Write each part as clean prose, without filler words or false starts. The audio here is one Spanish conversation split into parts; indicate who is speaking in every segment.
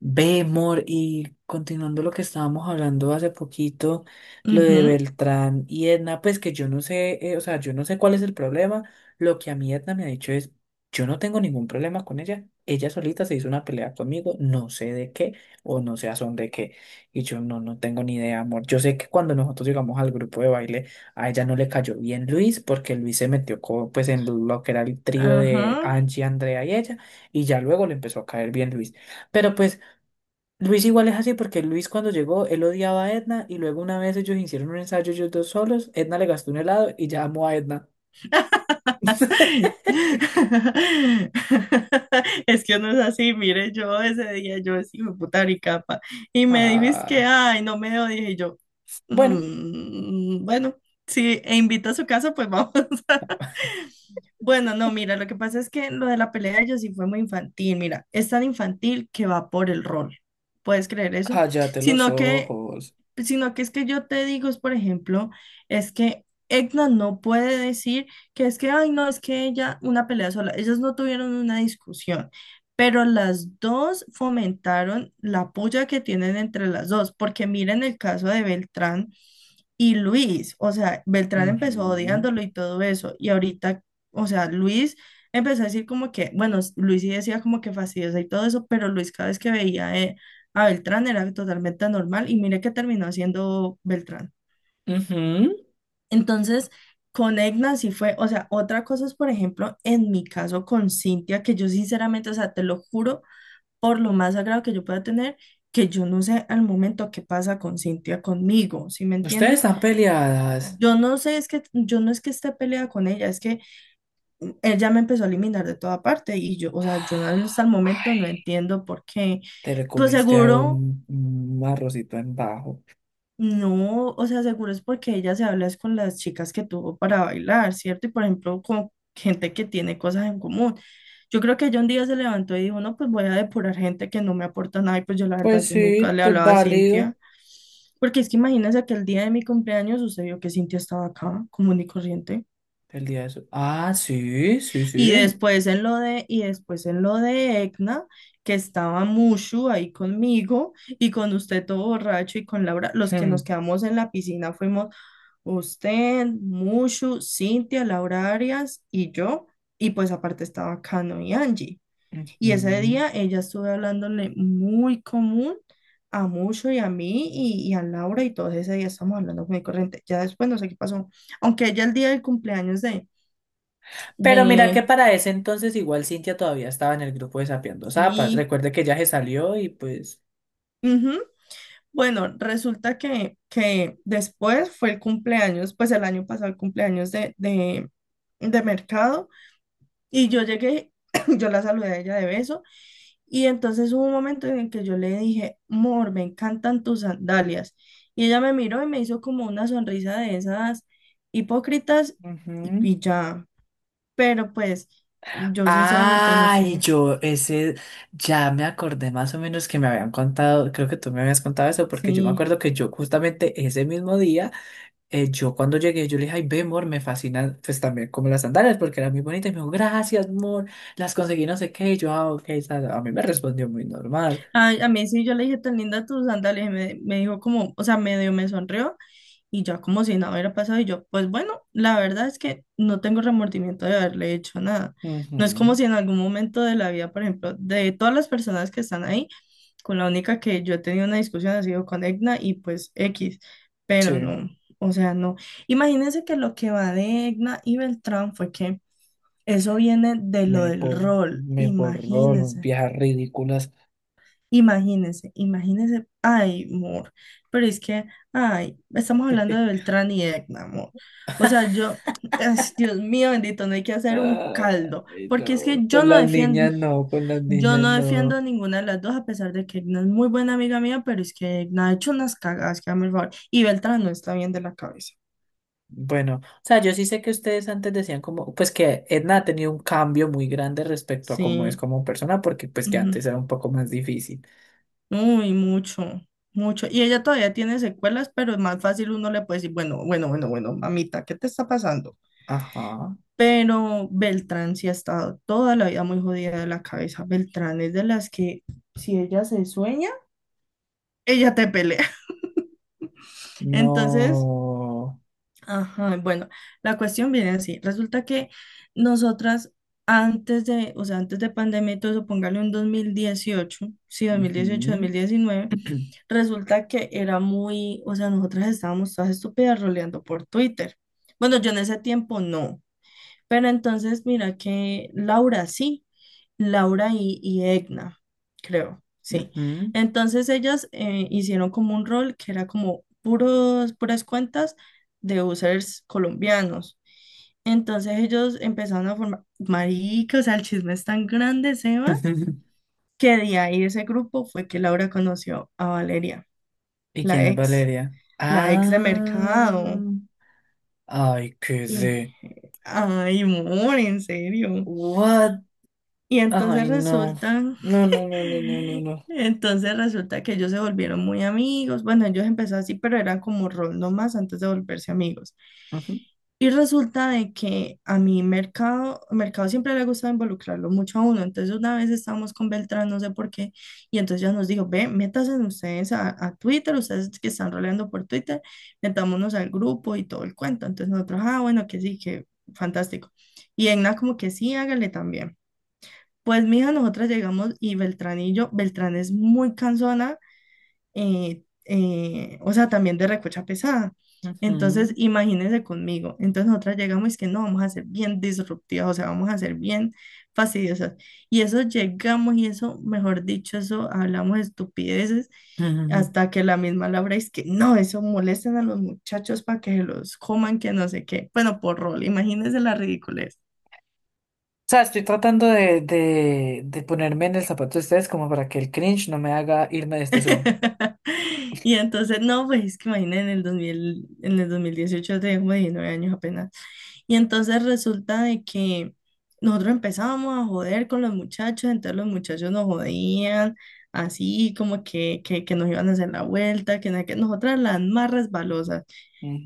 Speaker 1: Ve, Mor, y continuando lo que estábamos hablando hace poquito, lo de
Speaker 2: Ujú.
Speaker 1: Beltrán y Edna, pues que yo no sé, o sea, yo no sé cuál es el problema. Lo que a mí Edna me ha dicho es, yo no tengo ningún problema con ella. Ella solita se hizo una pelea conmigo, no sé de qué o no sé a son de qué. Y yo no, no tengo ni idea, amor. Yo sé que cuando nosotros llegamos al grupo de baile, a ella no le cayó bien Luis, porque Luis se metió pues en lo que era el trío de
Speaker 2: Ajá.
Speaker 1: Angie, Andrea y ella, y ya luego le empezó a caer bien Luis. Pero pues Luis igual es así porque Luis cuando llegó, él odiaba a Edna y luego una vez ellos hicieron un ensayo ellos dos solos, Edna le gastó un helado y ya amó a Edna.
Speaker 2: Es que uno es así, mire, yo ese día yo es hijo de puta capa y me dijiste que,
Speaker 1: Ah,
Speaker 2: ay, no me dio, dije yo,
Speaker 1: bueno,
Speaker 2: "Mm, bueno, si e invita a su casa, pues vamos." Bueno, no, mira, lo que pasa es que lo de la pelea de ellos sí fue muy infantil. Mira, es tan infantil que va por el rol, ¿puedes creer eso?
Speaker 1: cállate los
Speaker 2: Sino que
Speaker 1: ojos.
Speaker 2: sino que es que yo te digo, es, por ejemplo, es que Edna no puede decir que es que, ay, no, es que ella, una pelea sola, ellas no tuvieron una discusión, pero las dos fomentaron la puya que tienen entre las dos, porque miren el caso de Beltrán y Luis. O sea, Beltrán empezó
Speaker 1: Ujú,
Speaker 2: odiándolo y todo eso, y ahorita, o sea, Luis empezó a decir como que, bueno, Luis sí decía como que fastidiosa y todo eso, pero Luis cada vez que veía, a Beltrán era totalmente normal y mire que terminó siendo Beltrán.
Speaker 1: ujú.
Speaker 2: Entonces, con Egna sí fue, o sea, otra cosa es, por ejemplo, en mi caso con Cintia, que yo sinceramente, o sea, te lo juro, por lo más sagrado que yo pueda tener, que yo no sé al momento qué pasa con Cintia conmigo, ¿sí me
Speaker 1: Ustedes
Speaker 2: entiendes?
Speaker 1: están peleadas.
Speaker 2: Yo no sé, es que yo no es que esté peleada con ella, es que ella me empezó a eliminar de toda parte y yo, o sea, yo no- hasta el momento no
Speaker 1: Ay,
Speaker 2: entiendo por qué.
Speaker 1: te le
Speaker 2: Pues
Speaker 1: comiste a
Speaker 2: seguro.
Speaker 1: un arrocito en bajo.
Speaker 2: No, o sea, seguro es porque ella se habla es con las chicas que tuvo para bailar, ¿cierto? Y por ejemplo, con gente que tiene cosas en común. Yo creo que ella un día se levantó y dijo, no, pues voy a depurar gente que no me aporta nada. Y pues yo la verdad,
Speaker 1: Pues
Speaker 2: yo nunca
Speaker 1: sí,
Speaker 2: le
Speaker 1: te es
Speaker 2: hablaba a
Speaker 1: válido.
Speaker 2: Cintia. Porque es que imagínense que el día de mi cumpleaños sucedió que Cintia estaba acá, común y corriente.
Speaker 1: El día de su- Ah, sí, sí, sí.
Speaker 2: Y después en lo de Egna, que estaba Mushu ahí conmigo y con usted todo borracho y con Laura, los que nos
Speaker 1: Hmm,
Speaker 2: quedamos en la piscina fuimos. Usted, Mushu, Cintia, Laura Arias y yo. Y pues aparte estaba Cano y Angie. Y ese
Speaker 1: ujú.
Speaker 2: día ella estuvo hablándole muy común a Mushu y a mí y a Laura y todos ese día estamos hablando muy corriente. Ya después no sé qué pasó. Aunque ella el día del cumpleaños de...
Speaker 1: Pero mira que
Speaker 2: de
Speaker 1: para ese entonces igual Cintia todavía estaba en el grupo de Sapeando Zapas.
Speaker 2: sí.
Speaker 1: Recuerde que ya se salió y pues...
Speaker 2: Ujú. Bueno, resulta que después fue el cumpleaños, pues el año pasado el cumpleaños de Mercado. Y yo llegué, yo la saludé a ella de beso y entonces hubo un momento en el que yo le dije, Mor, me encantan tus sandalias. Y ella me miró y me hizo como una sonrisa de esas hipócritas y,
Speaker 1: Ujú.
Speaker 2: y ya. Pero pues yo sinceramente no
Speaker 1: Ay,
Speaker 2: sé.
Speaker 1: yo ese Ya me acordé más o menos que me habían contado, creo que tú me habías contado eso, porque yo me
Speaker 2: Sí.
Speaker 1: acuerdo que yo justamente ese mismo día, yo cuando llegué, yo le dije, ay, ve, amor, me fascinan pues también como las sandalias, porque eran muy bonitas, y me dijo, gracias, amor, las conseguí no sé qué, y yo, ah, ok, a mí me respondió muy normal.
Speaker 2: A mí sí, yo le dije, tan linda tus sandalias. Y me dijo como, o sea, medio me sonrió y ya como si nada hubiera pasado y yo, pues bueno, la verdad es que no tengo remordimiento de haberle hecho nada. No es como
Speaker 1: Ujú,
Speaker 2: si en algún momento de la vida, por ejemplo, de todas las personas que están ahí, con la única que yo he tenido una discusión ha sido con Egna y pues X, pero
Speaker 1: sí.
Speaker 2: no, o sea, no. Imagínense que lo que va de Egna y Beltrán fue que eso viene de lo
Speaker 1: Me,
Speaker 2: del
Speaker 1: por,
Speaker 2: rol,
Speaker 1: Me borró las
Speaker 2: imagínense.
Speaker 1: viejas ridículas.
Speaker 2: Imagínense, imagínense, ay, amor, pero es que, ay, estamos hablando de Beltrán y Edna, amor. O sea, yo, ay, Dios mío, bendito, no hay que hacer un caldo,
Speaker 1: Ay,
Speaker 2: porque es
Speaker 1: no,
Speaker 2: que
Speaker 1: con las niñas no, con las
Speaker 2: yo
Speaker 1: niñas
Speaker 2: no
Speaker 1: no.
Speaker 2: defiendo ninguna de las dos, a pesar de que Edna es muy buena amiga mía, pero es que Edna ha hecho unas cagadas, que dame el favor, y Beltrán no está bien de la cabeza.
Speaker 1: Bueno, o sea, yo sí sé que ustedes antes decían como, pues que Edna ha tenido un cambio muy grande respecto a cómo es
Speaker 2: Sí,
Speaker 1: como persona, porque pues que
Speaker 2: ujú.
Speaker 1: antes era un poco más difícil.
Speaker 2: Uy, mucho, mucho. Y ella todavía tiene secuelas, pero es más fácil uno le puede decir, bueno, bueno, bueno, bueno, mamita, ¿qué te está pasando?
Speaker 1: Ajá,
Speaker 2: Pero Beltrán sí ha estado toda la vida muy jodida de la cabeza. Beltrán es de las que si ella se sueña, ella te pelea. Entonces,
Speaker 1: no.
Speaker 2: ajá, bueno, la cuestión viene así. Resulta que nosotras antes de, o sea, antes de pandemia y todo eso, póngale un 2018, sí, 2018,
Speaker 1: Ujú.
Speaker 2: 2019, resulta que era muy, o sea, nosotras estábamos todas estúpidas roleando por Twitter. Bueno, yo en ese tiempo no. Pero entonces mira que Laura sí, Laura y Egna, creo, sí.
Speaker 1: Ujú.
Speaker 2: Entonces ellas hicieron como un rol que era como puros, puras cuentas de users colombianos. Entonces ellos empezaron a formar, marica, o sea, el chisme es tan grande, Sebas, que de ahí ese grupo fue que Laura conoció a Valeria,
Speaker 1: ¿Y
Speaker 2: la
Speaker 1: quién es
Speaker 2: ex,
Speaker 1: Valeria?
Speaker 2: la ex de
Speaker 1: Ah,
Speaker 2: mercado.
Speaker 1: ay, qué
Speaker 2: Y,
Speaker 1: de
Speaker 2: ay, amor, en serio.
Speaker 1: what.
Speaker 2: Y entonces
Speaker 1: Ay, no.
Speaker 2: resulta
Speaker 1: No, no, no, no, no, no, no.
Speaker 2: Entonces resulta que ellos se volvieron muy amigos. Bueno, ellos empezaron así, pero eran como rol nomás antes de volverse amigos.
Speaker 1: Ujú,
Speaker 2: Y resulta de que a mi mercado, mercado siempre le gusta involucrarlo mucho a uno. Entonces una vez estábamos con Beltrán, no sé por qué, y entonces ya nos dijo, ve, métanse ustedes a Twitter, ustedes que están roleando por Twitter, metámonos al grupo y todo el cuento. Entonces nosotros, ah, bueno, que sí, que fantástico. Y Egna como que sí, hágale también. Pues mija, nosotras llegamos y Beltrán y yo, Beltrán es muy cansona, o sea, también de recocha pesada. Entonces,
Speaker 1: ujú,
Speaker 2: imagínense conmigo. Entonces, nosotras llegamos y es que no, vamos a ser bien disruptivas, o sea, vamos a ser bien fastidiosas. Y eso llegamos y eso, mejor dicho, eso hablamos estupideces
Speaker 1: ujú.
Speaker 2: hasta que la misma Laura es que no, eso molestan a los muchachos para que se los coman, que no sé qué. Bueno, por rol, imagínense la ridiculez.
Speaker 1: O sea, estoy tratando de ponerme en el zapato de ustedes como para que el cringe no me haga irme de este Zoom.
Speaker 2: Y entonces, no, pues es que imagínense en el 2000, en el 2018 yo tenía como 19 años apenas. Y entonces resulta de que nosotros empezábamos a joder con los muchachos, entonces los muchachos nos jodían, así como que nos iban a hacer la vuelta, que, nada, que nosotras las más resbalosas.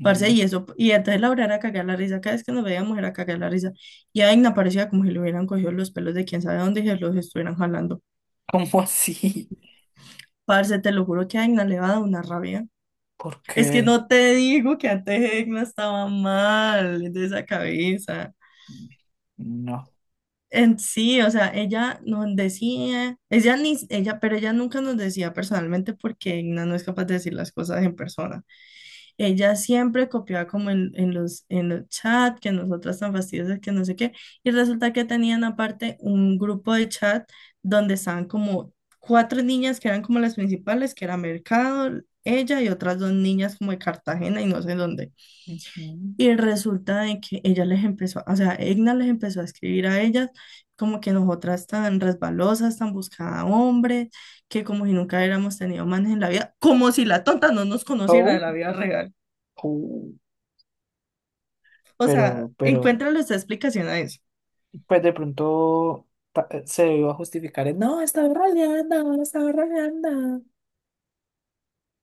Speaker 2: Parce, y eso, y entonces Laura era cagar la risa, cada vez que nos veíamos era cagar la risa, y a Aina parecía como si le hubieran cogido los pelos de quién sabe dónde y se los estuvieran jalando.
Speaker 1: ¿Cómo así?
Speaker 2: Parce, te lo juro que a Aina le va a dar una rabia.
Speaker 1: ¿Por
Speaker 2: Es que
Speaker 1: qué?
Speaker 2: no te digo que antes Egna estaba mal de esa cabeza.
Speaker 1: No.
Speaker 2: En sí, o sea, ella nos decía, ella ni, ella, pero ella nunca nos decía personalmente porque Egna no es capaz de decir las cosas en persona. Ella siempre copiaba como en los chats, que nosotras tan fastidiosas, que no sé qué. Y resulta que tenían aparte un grupo de chat donde estaban como cuatro niñas que eran como las principales, que era Mercado, ella y otras dos niñas como de Cartagena y no sé dónde.
Speaker 1: Ujú.
Speaker 2: Y resulta de que ella les empezó, o sea, Egna les empezó a escribir a ellas como que nosotras tan resbalosas, tan buscada hombre, que como si nunca hubiéramos tenido manes en la vida, como si la tonta no nos conociera de
Speaker 1: Oh,
Speaker 2: la vida real.
Speaker 1: oh.
Speaker 2: O sea,
Speaker 1: Pero, pero,
Speaker 2: encuéntrale esta explicación a eso.
Speaker 1: pues de pronto se iba a justificar. No, estaba rodeando, estaba rodeando.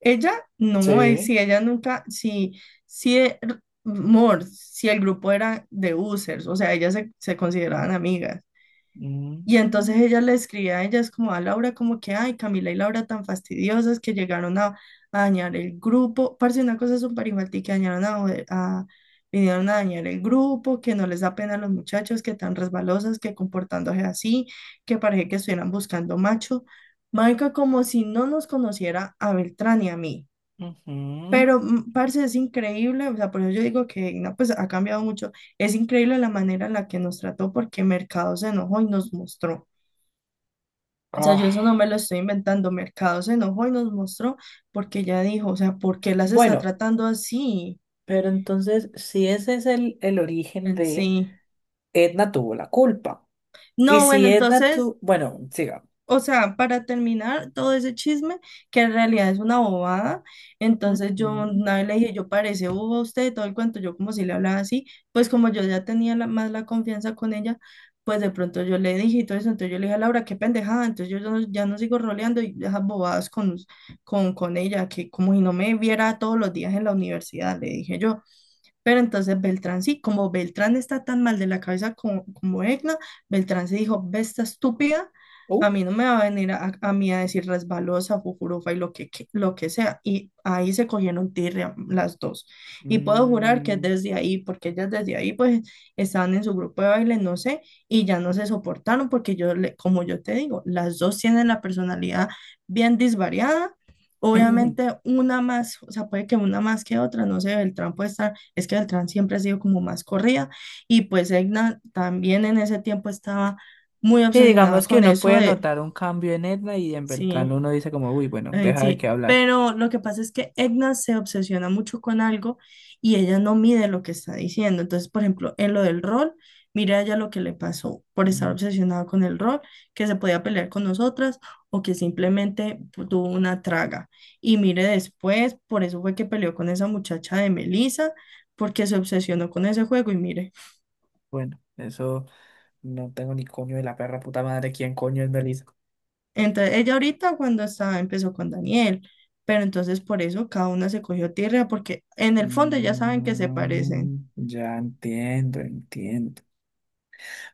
Speaker 2: Ella, no,
Speaker 1: Sí.
Speaker 2: si ella nunca, si, eh, r- amor, si el grupo era de users, o sea, ellas se consideraban amigas. Y entonces
Speaker 1: Mm,
Speaker 2: ella le escribía a ellas como a Laura, como que, ay, Camila y Laura tan fastidiosas que llegaron a dañar el grupo. Parce, una cosa súper infantil que dañaron a- vinieron a dañar el grupo, que no les da pena a los muchachos, que tan resbalosas, que comportándose así, que parece que estuvieran buscando macho. Marica, como si no nos conociera a Beltrán y a mí.
Speaker 1: ujú.
Speaker 2: Pero, parce, es increíble, o sea, por eso yo digo que no, pues ha cambiado mucho. Es increíble la manera en la que nos trató porque Mercado se enojó y nos mostró. O sea, yo
Speaker 1: Ah.
Speaker 2: eso no me lo estoy inventando. Mercado se enojó y nos mostró porque ella dijo, o sea, ¿por qué las está
Speaker 1: Bueno,
Speaker 2: tratando así?
Speaker 1: pero entonces, si ese es el origen
Speaker 2: En
Speaker 1: de
Speaker 2: sí.
Speaker 1: Edna tuvo la culpa. Y
Speaker 2: No, bueno,
Speaker 1: si Edna
Speaker 2: entonces,
Speaker 1: tuvo, bueno, siga.
Speaker 2: o sea, para terminar todo ese chisme, que en realidad es una bobada, entonces yo
Speaker 1: Ujú.
Speaker 2: una vez le dije, yo parece boba usted, todo el cuento, yo como si le hablaba así, pues como yo ya tenía más la confianza con ella, pues de pronto yo le dije y todo eso, entonces yo le dije a Laura, qué pendejada, entonces yo ya no, ya no sigo roleando y esas bobadas con ella, que como si no me viera todos los días en la universidad, le dije yo. Pero entonces Beltrán sí, como Beltrán está tan mal de la cabeza como, como Egna, Beltrán se dijo, ve esta estúpida,
Speaker 1: Uh,
Speaker 2: a mí no me va a venir a mí a decir resbalosa, fujurufa y lo que, lo que sea. Y ahí se cogieron tirria las dos. Y puedo jurar que
Speaker 1: mm.
Speaker 2: desde ahí, porque ellas desde ahí pues estaban en su grupo de baile, no sé, y ya no se soportaron porque yo, como yo te digo, las dos tienen la personalidad bien disvariada. Obviamente una más, o sea, puede que una más que otra, no sé, Beltrán puede estar, es que Beltrán siempre ha sido como más corrida y pues Egna también en ese tiempo estaba muy
Speaker 1: Sí,
Speaker 2: obsesionada
Speaker 1: digamos que
Speaker 2: con
Speaker 1: uno
Speaker 2: eso
Speaker 1: puede
Speaker 2: de,
Speaker 1: notar un cambio en Edna y en Beltrán
Speaker 2: sí.
Speaker 1: uno dice como, uy, bueno,
Speaker 2: Ay,
Speaker 1: deja de qué
Speaker 2: sí,
Speaker 1: hablar.
Speaker 2: pero lo que pasa es que Edna se obsesiona mucho con algo y ella no mide lo que está diciendo. Entonces, por ejemplo, en lo del rol, mira ella lo que le pasó por estar
Speaker 1: Mm,
Speaker 2: obsesionada con el rol, que se podía pelear con nosotras o que simplemente tuvo una traga. Y mire después, por eso fue que peleó con esa muchacha de Melissa, porque se obsesionó con ese juego y mire.
Speaker 1: bueno, eso no tengo ni coño de la perra puta madre, ¿quién coño es Melissa?
Speaker 2: Entonces, ella ahorita cuando estaba empezó con Daniel, pero entonces por eso cada una se cogió tierra, porque en el fondo ya saben que se
Speaker 1: Mm,
Speaker 2: parecen.
Speaker 1: ya entiendo, entiendo.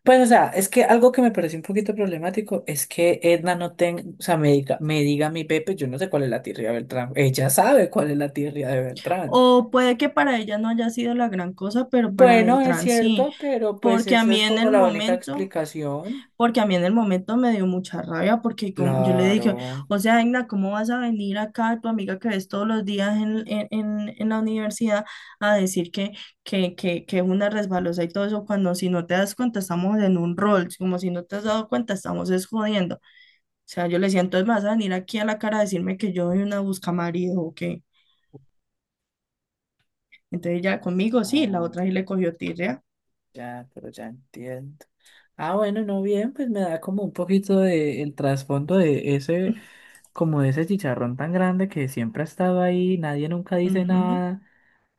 Speaker 1: Pues, o sea, es que algo que me pareció un poquito problemático es que Edna no tenga, o sea, me diga a mi Pepe, yo no sé cuál es la tirria de Beltrán. Ella sabe cuál es la tirria de Beltrán.
Speaker 2: O puede que para ella no haya sido la gran cosa, pero para
Speaker 1: Bueno, es
Speaker 2: Beltrán sí,
Speaker 1: cierto, pero pues
Speaker 2: porque a
Speaker 1: eso
Speaker 2: mí
Speaker 1: es
Speaker 2: en
Speaker 1: como
Speaker 2: el
Speaker 1: la única
Speaker 2: momento
Speaker 1: explicación.
Speaker 2: porque a mí en el momento me dio mucha rabia porque yo le dije,
Speaker 1: Claro.
Speaker 2: o sea, Igna, ¿cómo vas a venir acá, tu amiga que ves todos los días en la universidad, a decir que es una resbalosa y todo eso, cuando si no te das cuenta estamos en un rol, como si no te has dado cuenta estamos es jodiendo? O sea, yo le decía, entonces me vas a venir aquí a la cara a decirme que yo soy una buscamarido o qué. Entonces ya conmigo sí, la
Speaker 1: Ah,
Speaker 2: otra sí le cogió tirria.
Speaker 1: ya, pero ya entiendo. Ah, bueno, no bien, pues me da como un poquito de el trasfondo de ese, como de ese chicharrón tan grande que siempre ha estado ahí, nadie nunca dice
Speaker 2: Ujú,
Speaker 1: nada.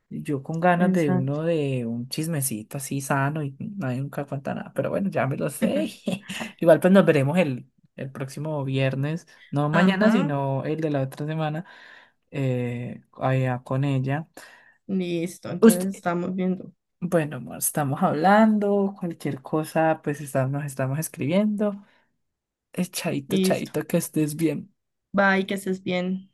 Speaker 1: Yo con ganas de
Speaker 2: exacto.
Speaker 1: uno de un chismecito así sano y nadie nunca cuenta nada, pero bueno, ya me lo sé. Igual pues nos veremos el próximo viernes, no mañana,
Speaker 2: Ajá,
Speaker 1: sino el de la otra semana, allá con ella.
Speaker 2: listo, entonces
Speaker 1: Usted,
Speaker 2: estamos viendo.
Speaker 1: bueno, amor, estamos hablando, cualquier cosa, pues nos estamos escribiendo. Chaito,
Speaker 2: Listo.
Speaker 1: chaito, que estés bien.
Speaker 2: Bye, que estés bien.